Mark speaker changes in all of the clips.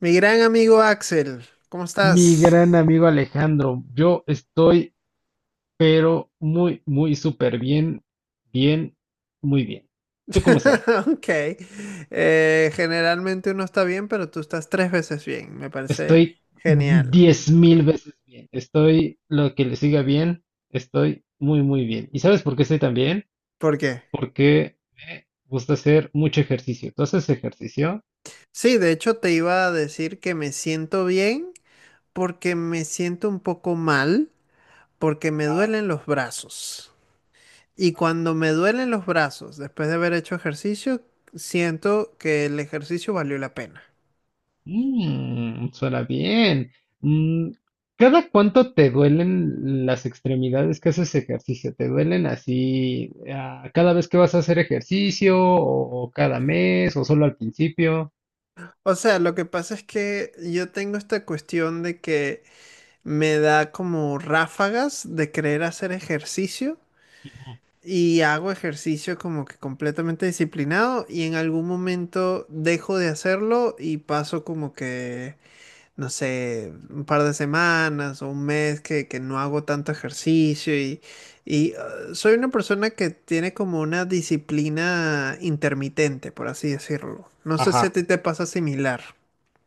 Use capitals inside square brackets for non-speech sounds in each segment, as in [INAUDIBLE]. Speaker 1: Mi gran amigo Axel, ¿cómo
Speaker 2: Mi gran
Speaker 1: estás?
Speaker 2: amigo Alejandro, yo estoy, pero muy, muy súper bien, bien, muy bien. ¿Tú cómo estás?
Speaker 1: [LAUGHS] Ok. Generalmente uno está bien, pero tú estás tres veces bien. Me parece
Speaker 2: Estoy
Speaker 1: genial.
Speaker 2: diez mil veces bien. Estoy lo que le siga bien. Estoy muy, muy bien. ¿Y sabes por qué estoy tan bien?
Speaker 1: ¿Por qué?
Speaker 2: Porque me gusta hacer mucho ejercicio. ¿Tú haces ejercicio?
Speaker 1: Sí, de hecho te iba a decir que me siento bien porque me siento un poco mal porque me duelen los brazos. Y cuando me duelen los brazos, después de haber hecho ejercicio, siento que el ejercicio valió la pena.
Speaker 2: Suena bien. Mm, ¿Cada cuánto te duelen las extremidades que haces ejercicio? ¿Te duelen así, cada vez que vas a hacer ejercicio o cada mes o solo al principio?
Speaker 1: O sea, lo que pasa es que yo tengo esta cuestión de que me da como ráfagas de querer hacer ejercicio y hago ejercicio como que completamente disciplinado y en algún momento dejo de hacerlo y paso como que, no sé, un par de semanas o un mes que no hago tanto ejercicio y soy una persona que tiene como una disciplina intermitente, por así decirlo. No sé si a
Speaker 2: Ajá.
Speaker 1: ti te pasa similar.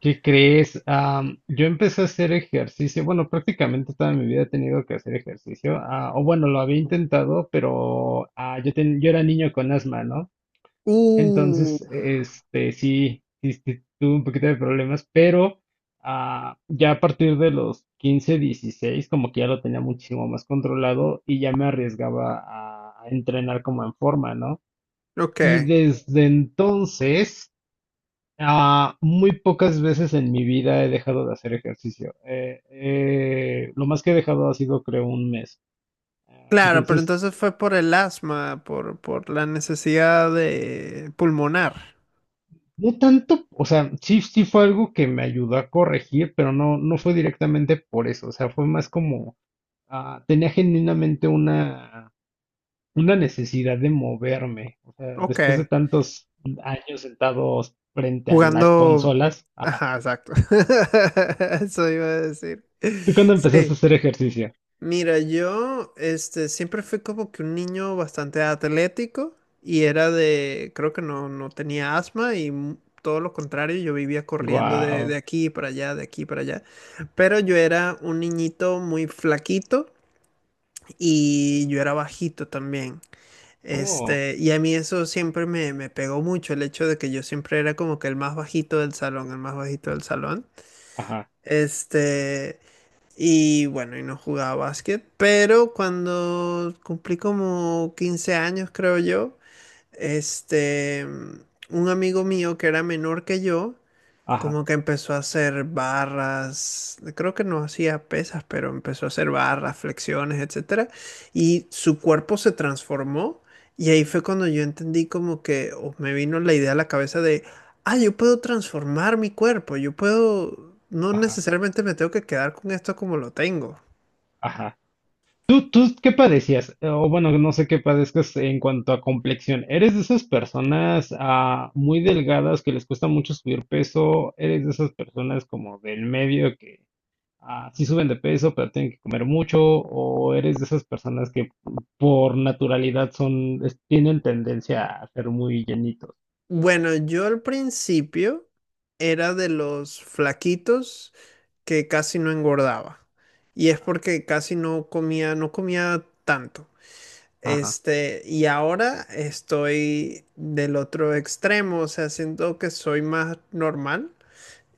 Speaker 2: ¿Qué crees? Yo empecé a hacer ejercicio, bueno, prácticamente toda mi vida he tenido que hacer ejercicio, o bueno, lo había intentado, pero yo, yo era niño con asma, ¿no?
Speaker 1: Uh,
Speaker 2: Entonces, este, sí, tuve un poquito de problemas, pero ya a partir de los 15, 16, como que ya lo tenía muchísimo más controlado y ya me arriesgaba a entrenar como en forma, ¿no? Y
Speaker 1: ok.
Speaker 2: desde entonces, muy pocas veces en mi vida he dejado de hacer ejercicio. Lo más que he dejado ha sido, creo, un mes.
Speaker 1: Claro, pero
Speaker 2: Entonces,
Speaker 1: entonces fue por el asma, por la necesidad de pulmonar.
Speaker 2: no tanto, o sea, sí fue algo que me ayudó a corregir, pero no fue directamente por eso, o sea, fue más como, tenía genuinamente una necesidad de moverme, o sea,
Speaker 1: Ok.
Speaker 2: después de tantos años sentados frente a las
Speaker 1: Jugando.
Speaker 2: consolas, ajá.
Speaker 1: Ajá, exacto. [LAUGHS] Eso iba a decir.
Speaker 2: ¿Tú cuándo
Speaker 1: Sí.
Speaker 2: empezaste a hacer ejercicio?
Speaker 1: Mira, yo siempre fui como que un niño bastante atlético y era de. Creo que no tenía asma y todo lo contrario, yo vivía corriendo de
Speaker 2: Guau,
Speaker 1: aquí para allá, de aquí para allá. Pero yo era un niñito muy flaquito y yo era bajito también.
Speaker 2: oh,
Speaker 1: Y a mí eso siempre me, me pegó mucho, el hecho de que yo siempre era como que el más bajito del salón, el más bajito del salón.
Speaker 2: ajá,
Speaker 1: Este, y bueno, y no jugaba básquet, pero cuando cumplí como 15 años, creo yo, este, un amigo mío que era menor que yo,
Speaker 2: ajá,
Speaker 1: como que empezó a hacer barras, creo que no hacía pesas, pero empezó a hacer barras, flexiones, etcétera, y su cuerpo se transformó y ahí fue cuando yo entendí como que o me vino la idea a la cabeza de, ah, yo puedo transformar mi cuerpo, yo puedo, no
Speaker 2: ajá,
Speaker 1: necesariamente me tengo que quedar con esto como lo tengo.
Speaker 2: ajá. ¿¿Tú qué padecías? O bueno, no sé qué padezcas en cuanto a complexión. ¿Eres de esas personas muy delgadas que les cuesta mucho subir peso? ¿Eres de esas personas como del medio que sí suben de peso pero tienen que comer mucho? ¿O eres de esas personas que por naturalidad son, tienen tendencia a ser muy llenitos?
Speaker 1: Bueno, yo al principio era de los flaquitos que casi no engordaba. Y es porque casi no comía, no comía tanto.
Speaker 2: Ajá,
Speaker 1: Y ahora estoy del otro extremo, o sea, siento que soy más normal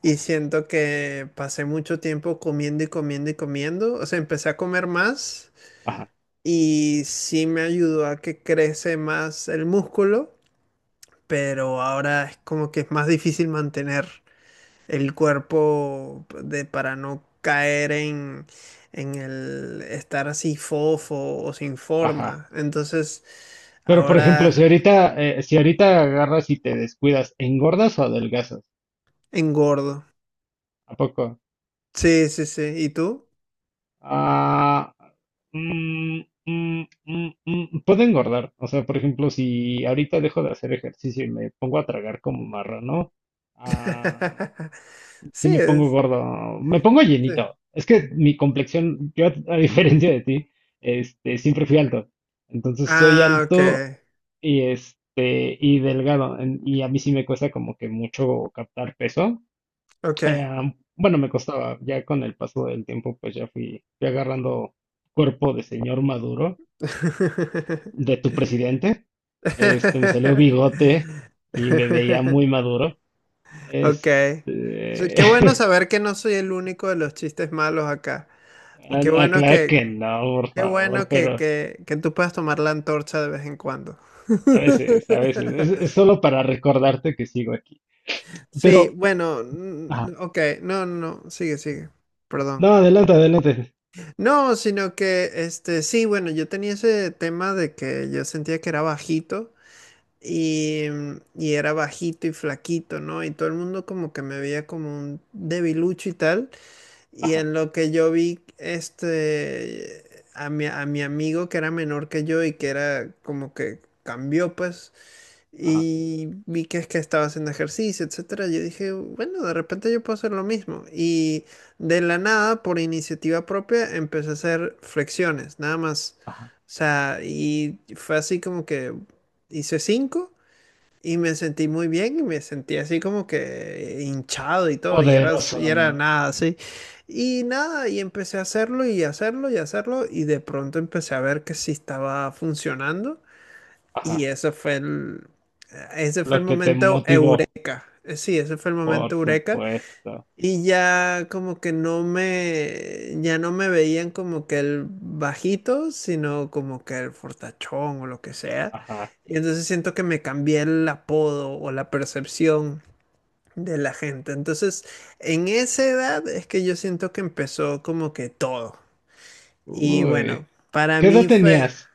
Speaker 1: y siento que pasé mucho tiempo comiendo y comiendo y comiendo, o sea, empecé a comer más
Speaker 2: ajá,
Speaker 1: y sí me ayudó a que crece más el músculo, pero ahora es como que es más difícil mantener el cuerpo de, para no caer en el estar así fofo o sin
Speaker 2: ajá.
Speaker 1: forma. Entonces,
Speaker 2: Pero por ejemplo,
Speaker 1: ahora
Speaker 2: si ahorita agarras y te descuidas, ¿engordas o adelgazas?
Speaker 1: engordo.
Speaker 2: ¿A poco?
Speaker 1: Sí, sí, sí. ¿Y tú?
Speaker 2: Ah, mm, puedo engordar. O sea, por ejemplo, si ahorita dejo de hacer ejercicio y me pongo a tragar como marrano, ah,
Speaker 1: [LAUGHS]
Speaker 2: sí
Speaker 1: Sí,
Speaker 2: me pongo
Speaker 1: es.
Speaker 2: gordo, me pongo
Speaker 1: Sí.
Speaker 2: llenito. Es que mi complexión, yo a diferencia de ti, este, siempre fui alto. Entonces soy
Speaker 1: Ah, ok,
Speaker 2: alto y este, y delgado. Y a mí sí me cuesta como que mucho captar peso.
Speaker 1: ok.
Speaker 2: Eh, bueno, me costaba, ya con el paso del tiempo, pues ya fui agarrando cuerpo de señor Maduro, de
Speaker 1: [LAUGHS]
Speaker 2: tu presidente. Este, me salió bigote y me veía muy maduro.
Speaker 1: Ok. So,
Speaker 2: Este,
Speaker 1: qué bueno saber que no soy el único de los chistes malos acá.
Speaker 2: [LAUGHS]
Speaker 1: Qué
Speaker 2: no,
Speaker 1: bueno
Speaker 2: claro
Speaker 1: que,
Speaker 2: que no, por
Speaker 1: Qué
Speaker 2: favor,
Speaker 1: bueno que,
Speaker 2: pero
Speaker 1: que, que tú puedas tomar la antorcha de vez en cuando. [LAUGHS]
Speaker 2: a veces, es solo para recordarte que sigo aquí.
Speaker 1: Sí,
Speaker 2: Pero,
Speaker 1: bueno,
Speaker 2: ajá,
Speaker 1: mm, ok, no, no, no, sigue, sigue, perdón.
Speaker 2: no, adelante, adelante.
Speaker 1: No, sino que, sí, bueno, yo tenía ese tema de que yo sentía que era bajito y era bajito y flaquito, ¿no? Y todo el mundo como que me veía como un debilucho y tal. Y
Speaker 2: Ajá,
Speaker 1: en lo que yo vi, a mi amigo que era menor que yo y que era como que cambió, pues,
Speaker 2: ajá,
Speaker 1: y vi que es que estaba haciendo ejercicio, etcétera. Yo dije, bueno, de repente yo puedo hacer lo mismo. Y de la nada, por iniciativa propia, empecé a hacer flexiones, nada más.
Speaker 2: ajá.
Speaker 1: O sea, y fue así como que hice cinco. Y me sentí muy bien y me sentí así como que hinchado y todo, y era, s-
Speaker 2: Poderoso,
Speaker 1: y era
Speaker 2: ¿no?
Speaker 1: nada así. Y nada, y empecé a hacerlo y hacerlo y hacerlo, y de pronto empecé a ver que sí estaba funcionando. Y
Speaker 2: Ajá,
Speaker 1: ese fue el
Speaker 2: lo que te
Speaker 1: momento
Speaker 2: motivó,
Speaker 1: eureka. Sí, ese fue el
Speaker 2: por
Speaker 1: momento eureka
Speaker 2: supuesto.
Speaker 1: y ya como que ya no me veían como que el bajito, sino como que el fortachón o lo que sea.
Speaker 2: Ajá.
Speaker 1: Y entonces siento que me cambié el apodo o la percepción de la gente. Entonces, en esa edad es que yo siento que empezó como que todo. Y
Speaker 2: Uy,
Speaker 1: bueno, para
Speaker 2: ¿qué edad
Speaker 1: mí fue,
Speaker 2: tenías?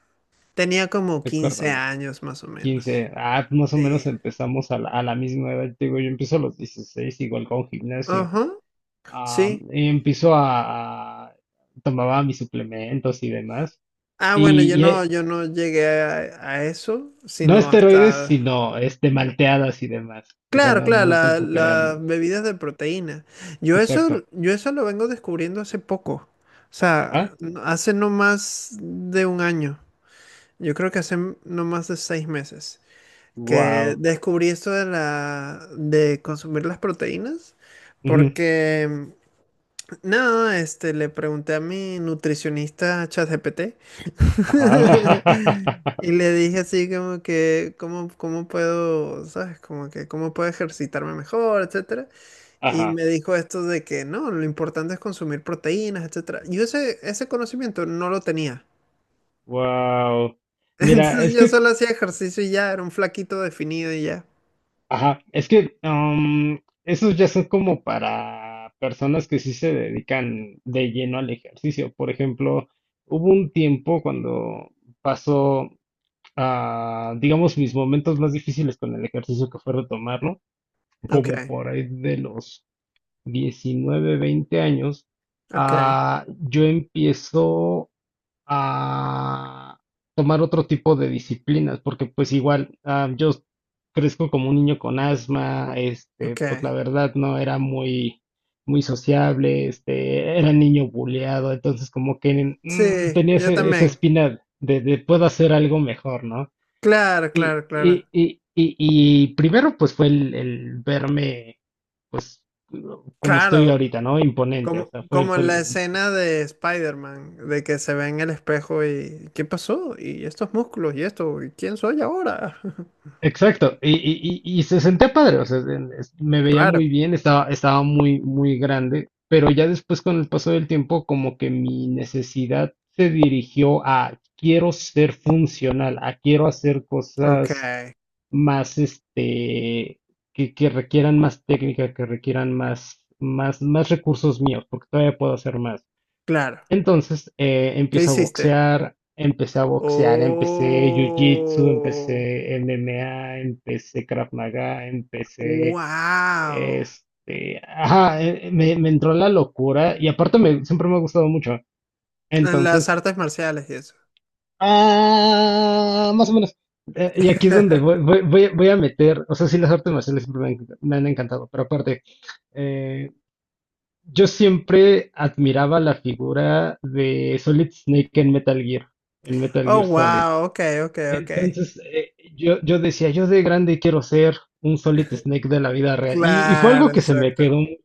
Speaker 1: tenía como 15
Speaker 2: Recuérdame,
Speaker 1: años más o menos.
Speaker 2: quince. Ah, más o menos
Speaker 1: Sí.
Speaker 2: empezamos a la misma edad. Te digo, yo empiezo a los 16 igual con gimnasio.
Speaker 1: Ajá,
Speaker 2: Ah,
Speaker 1: sí.
Speaker 2: y tomaba mis suplementos y demás.
Speaker 1: Ah, bueno, yo
Speaker 2: Y, y
Speaker 1: no,
Speaker 2: hay-
Speaker 1: yo no llegué a eso,
Speaker 2: no
Speaker 1: sino
Speaker 2: esteroides,
Speaker 1: hasta
Speaker 2: sino este, malteadas y demás. O sea,
Speaker 1: claro, claro,
Speaker 2: no tampoco eran.
Speaker 1: las bebidas de proteína. Yo
Speaker 2: Exacto.
Speaker 1: eso, yo eso lo vengo descubriendo hace poco. O sea,
Speaker 2: Ajá.
Speaker 1: hace no más de un año. Yo creo que hace no más de 6 meses que
Speaker 2: Wow.
Speaker 1: descubrí esto de la, de consumir las proteínas. Porque, no, le pregunté a mi nutricionista ChatGPT.
Speaker 2: Ajá.
Speaker 1: [LAUGHS] Y
Speaker 2: [LAUGHS]
Speaker 1: le dije así como que, ¿cómo, cómo puedo, sabes? Como que, ¿cómo puedo ejercitarme mejor, etcétera? Y
Speaker 2: Ajá.
Speaker 1: me dijo esto de que no, lo importante es consumir proteínas, etcétera. Yo ese conocimiento no lo tenía.
Speaker 2: Wow.
Speaker 1: [LAUGHS]
Speaker 2: Mira,
Speaker 1: Entonces
Speaker 2: es
Speaker 1: yo
Speaker 2: que
Speaker 1: solo hacía ejercicio y ya, era un flaquito definido y ya.
Speaker 2: ajá, es que esos ya son como para personas que sí se dedican de lleno al ejercicio. Por ejemplo, hubo un tiempo cuando pasó, digamos, mis momentos más difíciles con el ejercicio que fue retomarlo,
Speaker 1: Ok,
Speaker 2: como por ahí de los 19, 20 años,
Speaker 1: ok,
Speaker 2: ah, yo empiezo a tomar otro tipo de disciplinas, porque pues igual yo crezco como un niño con asma, este,
Speaker 1: ok.
Speaker 2: pues la verdad no era muy, muy sociable, este, era niño buleado, entonces como que
Speaker 1: Sí,
Speaker 2: tenía
Speaker 1: yo
Speaker 2: esa
Speaker 1: también.
Speaker 2: espina de puedo hacer algo mejor, ¿no?
Speaker 1: Claro,
Speaker 2: Y,
Speaker 1: claro, claro.
Speaker 2: y, y, y, y primero pues fue el verme, pues, como estoy
Speaker 1: Claro,
Speaker 2: ahorita, ¿no? Imponente, o
Speaker 1: como,
Speaker 2: sea,
Speaker 1: como
Speaker 2: fue
Speaker 1: en la escena de Spider-Man, de que se ve en el espejo y ¿qué pasó? Y estos músculos y esto, ¿y quién soy ahora? [LAUGHS]
Speaker 2: exacto, y se sentía padre, o sea, me veía
Speaker 1: Claro,
Speaker 2: muy bien, estaba muy, muy grande, pero ya después con el paso del tiempo, como que mi necesidad se dirigió a quiero ser funcional, a quiero hacer
Speaker 1: ok,
Speaker 2: cosas más, este, que requieran más técnica, que requieran más, más recursos míos, porque todavía puedo hacer más.
Speaker 1: claro.
Speaker 2: Entonces
Speaker 1: ¿Qué hiciste?
Speaker 2: empecé a boxear, empecé jiu-jitsu,
Speaker 1: Oh,
Speaker 2: empecé MMA, empecé Krav Maga, empecé
Speaker 1: wow.
Speaker 2: este, me entró la locura y siempre me ha gustado mucho.
Speaker 1: Las
Speaker 2: Entonces,
Speaker 1: artes marciales y eso.
Speaker 2: más o menos. Y aquí es donde
Speaker 1: [LAUGHS]
Speaker 2: voy a meter, o sea, sí, las artes marciales siempre me han encantado, pero aparte, eh, yo siempre admiraba la figura de Solid Snake en Metal
Speaker 1: Oh,
Speaker 2: Gear Solid.
Speaker 1: wow. Ok, ok, ok.
Speaker 2: Entonces, yo decía, yo de grande quiero ser un Solid Snake de la vida real. Y fue
Speaker 1: Claro,
Speaker 2: algo que se me
Speaker 1: exacto.
Speaker 2: quedó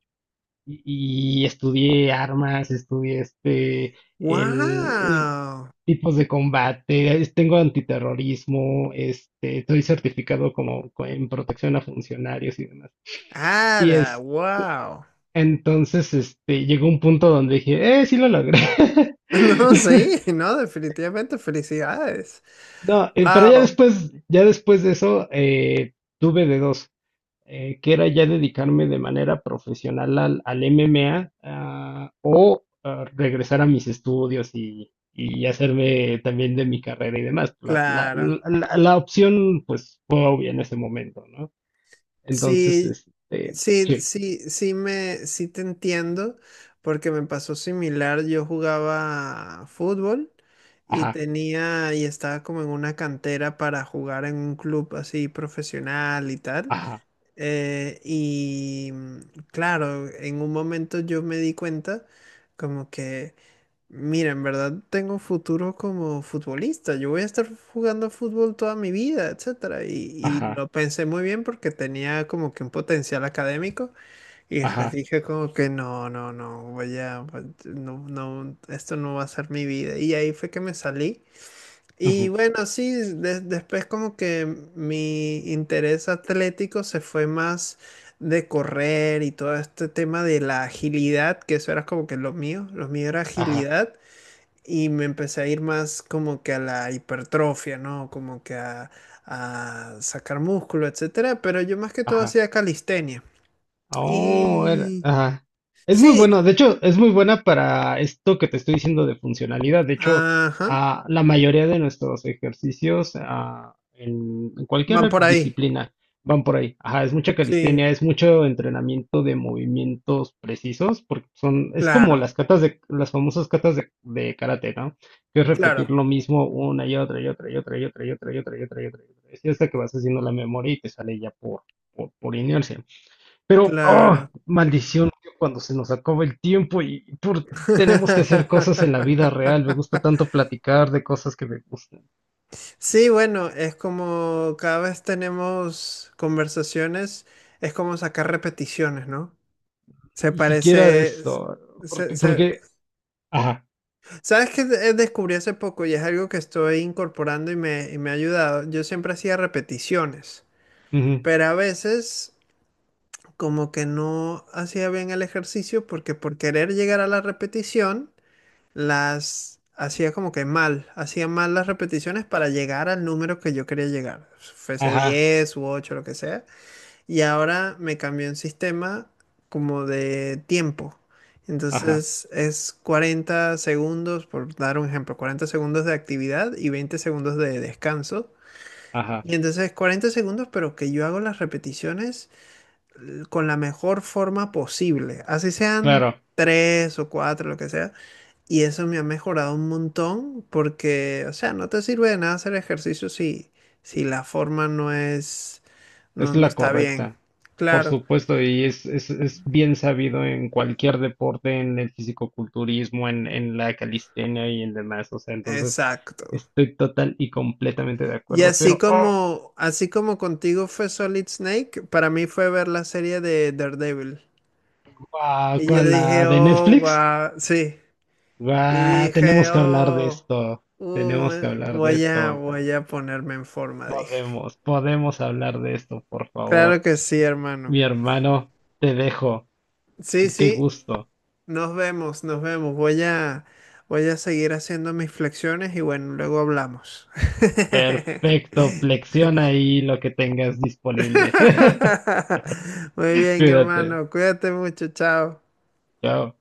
Speaker 2: y estudié armas, estudié este,
Speaker 1: Wow.
Speaker 2: tipos de combate, tengo antiterrorismo, este, estoy certificado como en protección a funcionarios y demás.
Speaker 1: Ada, wow.
Speaker 2: Entonces, este, llegó un punto donde dije, sí lo logré.
Speaker 1: [LAUGHS] No, sí,
Speaker 2: [LAUGHS]
Speaker 1: no, definitivamente felicidades.
Speaker 2: No,
Speaker 1: Wow,
Speaker 2: ya después de eso, tuve de dos, que era ya dedicarme de manera profesional al MMA, o regresar a mis estudios y hacerme también de mi carrera y demás. La, la, la,
Speaker 1: claro.
Speaker 2: la- la opción, pues, fue obvia en ese momento, ¿no? Entonces,
Speaker 1: Sí,
Speaker 2: este,
Speaker 1: sí,
Speaker 2: sí,
Speaker 1: sí, sí me, sí te entiendo, porque me pasó similar. Yo jugaba fútbol y
Speaker 2: ajá,
Speaker 1: tenía, y estaba como en una cantera para jugar en un club así profesional y tal.
Speaker 2: ajá,
Speaker 1: Y claro, en un momento yo me di cuenta como que mira, en verdad tengo futuro como futbolista. Yo voy a estar jugando fútbol toda mi vida, etcétera. Y
Speaker 2: ajá,
Speaker 1: lo pensé muy bien porque tenía como que un potencial académico y después
Speaker 2: ajá,
Speaker 1: dije como que no, no, no, voy a, pues, no, no, esto no va a ser mi vida. Y ahí fue que me salí. Y
Speaker 2: ujú,
Speaker 1: bueno, sí, después como que mi interés atlético se fue más de correr y todo este tema de la agilidad, que eso era como que lo mío era
Speaker 2: ajá,
Speaker 1: agilidad y me empecé a ir más como que a la hipertrofia, ¿no? Como que a sacar músculo, etcétera. Pero yo más que todo
Speaker 2: ajá.
Speaker 1: hacía calistenia.
Speaker 2: Oh,
Speaker 1: Y
Speaker 2: ajá. Es muy
Speaker 1: sí,
Speaker 2: bueno, de hecho, es muy buena para esto que te estoy diciendo de funcionalidad. De hecho,
Speaker 1: ajá,
Speaker 2: la mayoría de nuestros ejercicios en
Speaker 1: van
Speaker 2: cualquier
Speaker 1: por ahí.
Speaker 2: disciplina van por ahí. Ajá, es mucha
Speaker 1: Sí,
Speaker 2: calistenia, es mucho entrenamiento de movimientos precisos, porque son, es como
Speaker 1: claro,
Speaker 2: las catas de, las famosas catas de karate, ¿no? Que es
Speaker 1: claro,
Speaker 2: repetir lo mismo una y otra y otra y otra y otra y otra y otra y otra y otra y otra. Y hasta que vas haciendo la memoria y te sale ya por inercia. Pero, oh,
Speaker 1: claro.
Speaker 2: maldición, tío, cuando se nos acaba el tiempo y tenemos que hacer cosas en la vida real. Me gusta tanto
Speaker 1: [LAUGHS]
Speaker 2: platicar de cosas que me gustan.
Speaker 1: Sí, bueno, es como cada vez tenemos conversaciones, es como sacar repeticiones, ¿no? Se
Speaker 2: Ni siquiera de
Speaker 1: parece,
Speaker 2: esto,
Speaker 1: se,
Speaker 2: porque,
Speaker 1: se-
Speaker 2: porque, ajá,
Speaker 1: ¿Sabes qué descubrí hace poco y es algo que estoy incorporando y me ha ayudado? Yo siempre hacía repeticiones,
Speaker 2: ujú,
Speaker 1: pero a veces como que no hacía bien el ejercicio porque por querer llegar a la repetición las hacía como que mal, hacía mal las repeticiones para llegar al número que yo quería llegar, fuese
Speaker 2: ajá,
Speaker 1: 10 u 8 lo que sea. Y ahora me cambió un sistema como de tiempo.
Speaker 2: ajá,
Speaker 1: Entonces es 40 segundos, por dar un ejemplo, 40 segundos de actividad y 20 segundos de descanso.
Speaker 2: ajá,
Speaker 1: Y entonces 40 segundos, pero que yo hago las repeticiones con la mejor forma posible. Así sean
Speaker 2: claro,
Speaker 1: 3 o 4 lo que sea. Y eso me ha mejorado un montón porque, o sea, no te sirve de nada hacer ejercicio si, si la forma no es,
Speaker 2: es
Speaker 1: no, no
Speaker 2: la
Speaker 1: está bien.
Speaker 2: correcta, por
Speaker 1: Claro.
Speaker 2: supuesto, y es bien sabido en cualquier deporte, en el fisicoculturismo, en la calistenia y en demás. O sea, entonces
Speaker 1: Exacto.
Speaker 2: estoy total y completamente de
Speaker 1: Y
Speaker 2: acuerdo,
Speaker 1: así
Speaker 2: pero, oh,
Speaker 1: como, así como contigo fue Solid Snake, para mí fue ver la serie de Daredevil.
Speaker 2: guau,
Speaker 1: Y yo
Speaker 2: ¿cuál?
Speaker 1: dije,
Speaker 2: ¿La de
Speaker 1: oh,
Speaker 2: Netflix?
Speaker 1: guau, sí. Y
Speaker 2: Guau,
Speaker 1: dije,
Speaker 2: tenemos que hablar de
Speaker 1: oh,
Speaker 2: esto. Tenemos que hablar de
Speaker 1: voy a,
Speaker 2: esto.
Speaker 1: voy a ponerme en forma, dije.
Speaker 2: Podemos, podemos hablar de esto, por
Speaker 1: Claro
Speaker 2: favor.
Speaker 1: que sí, hermano.
Speaker 2: Mi hermano, te dejo.
Speaker 1: Sí,
Speaker 2: Qué
Speaker 1: sí,
Speaker 2: gusto.
Speaker 1: nos vemos, nos vemos. Voy a seguir haciendo mis flexiones y bueno, luego hablamos.
Speaker 2: Perfecto. Flexiona ahí lo que tengas disponible. [LAUGHS]
Speaker 1: [LAUGHS] Muy bien,
Speaker 2: Cuídate.
Speaker 1: hermano. Cuídate mucho, chao.
Speaker 2: Chao.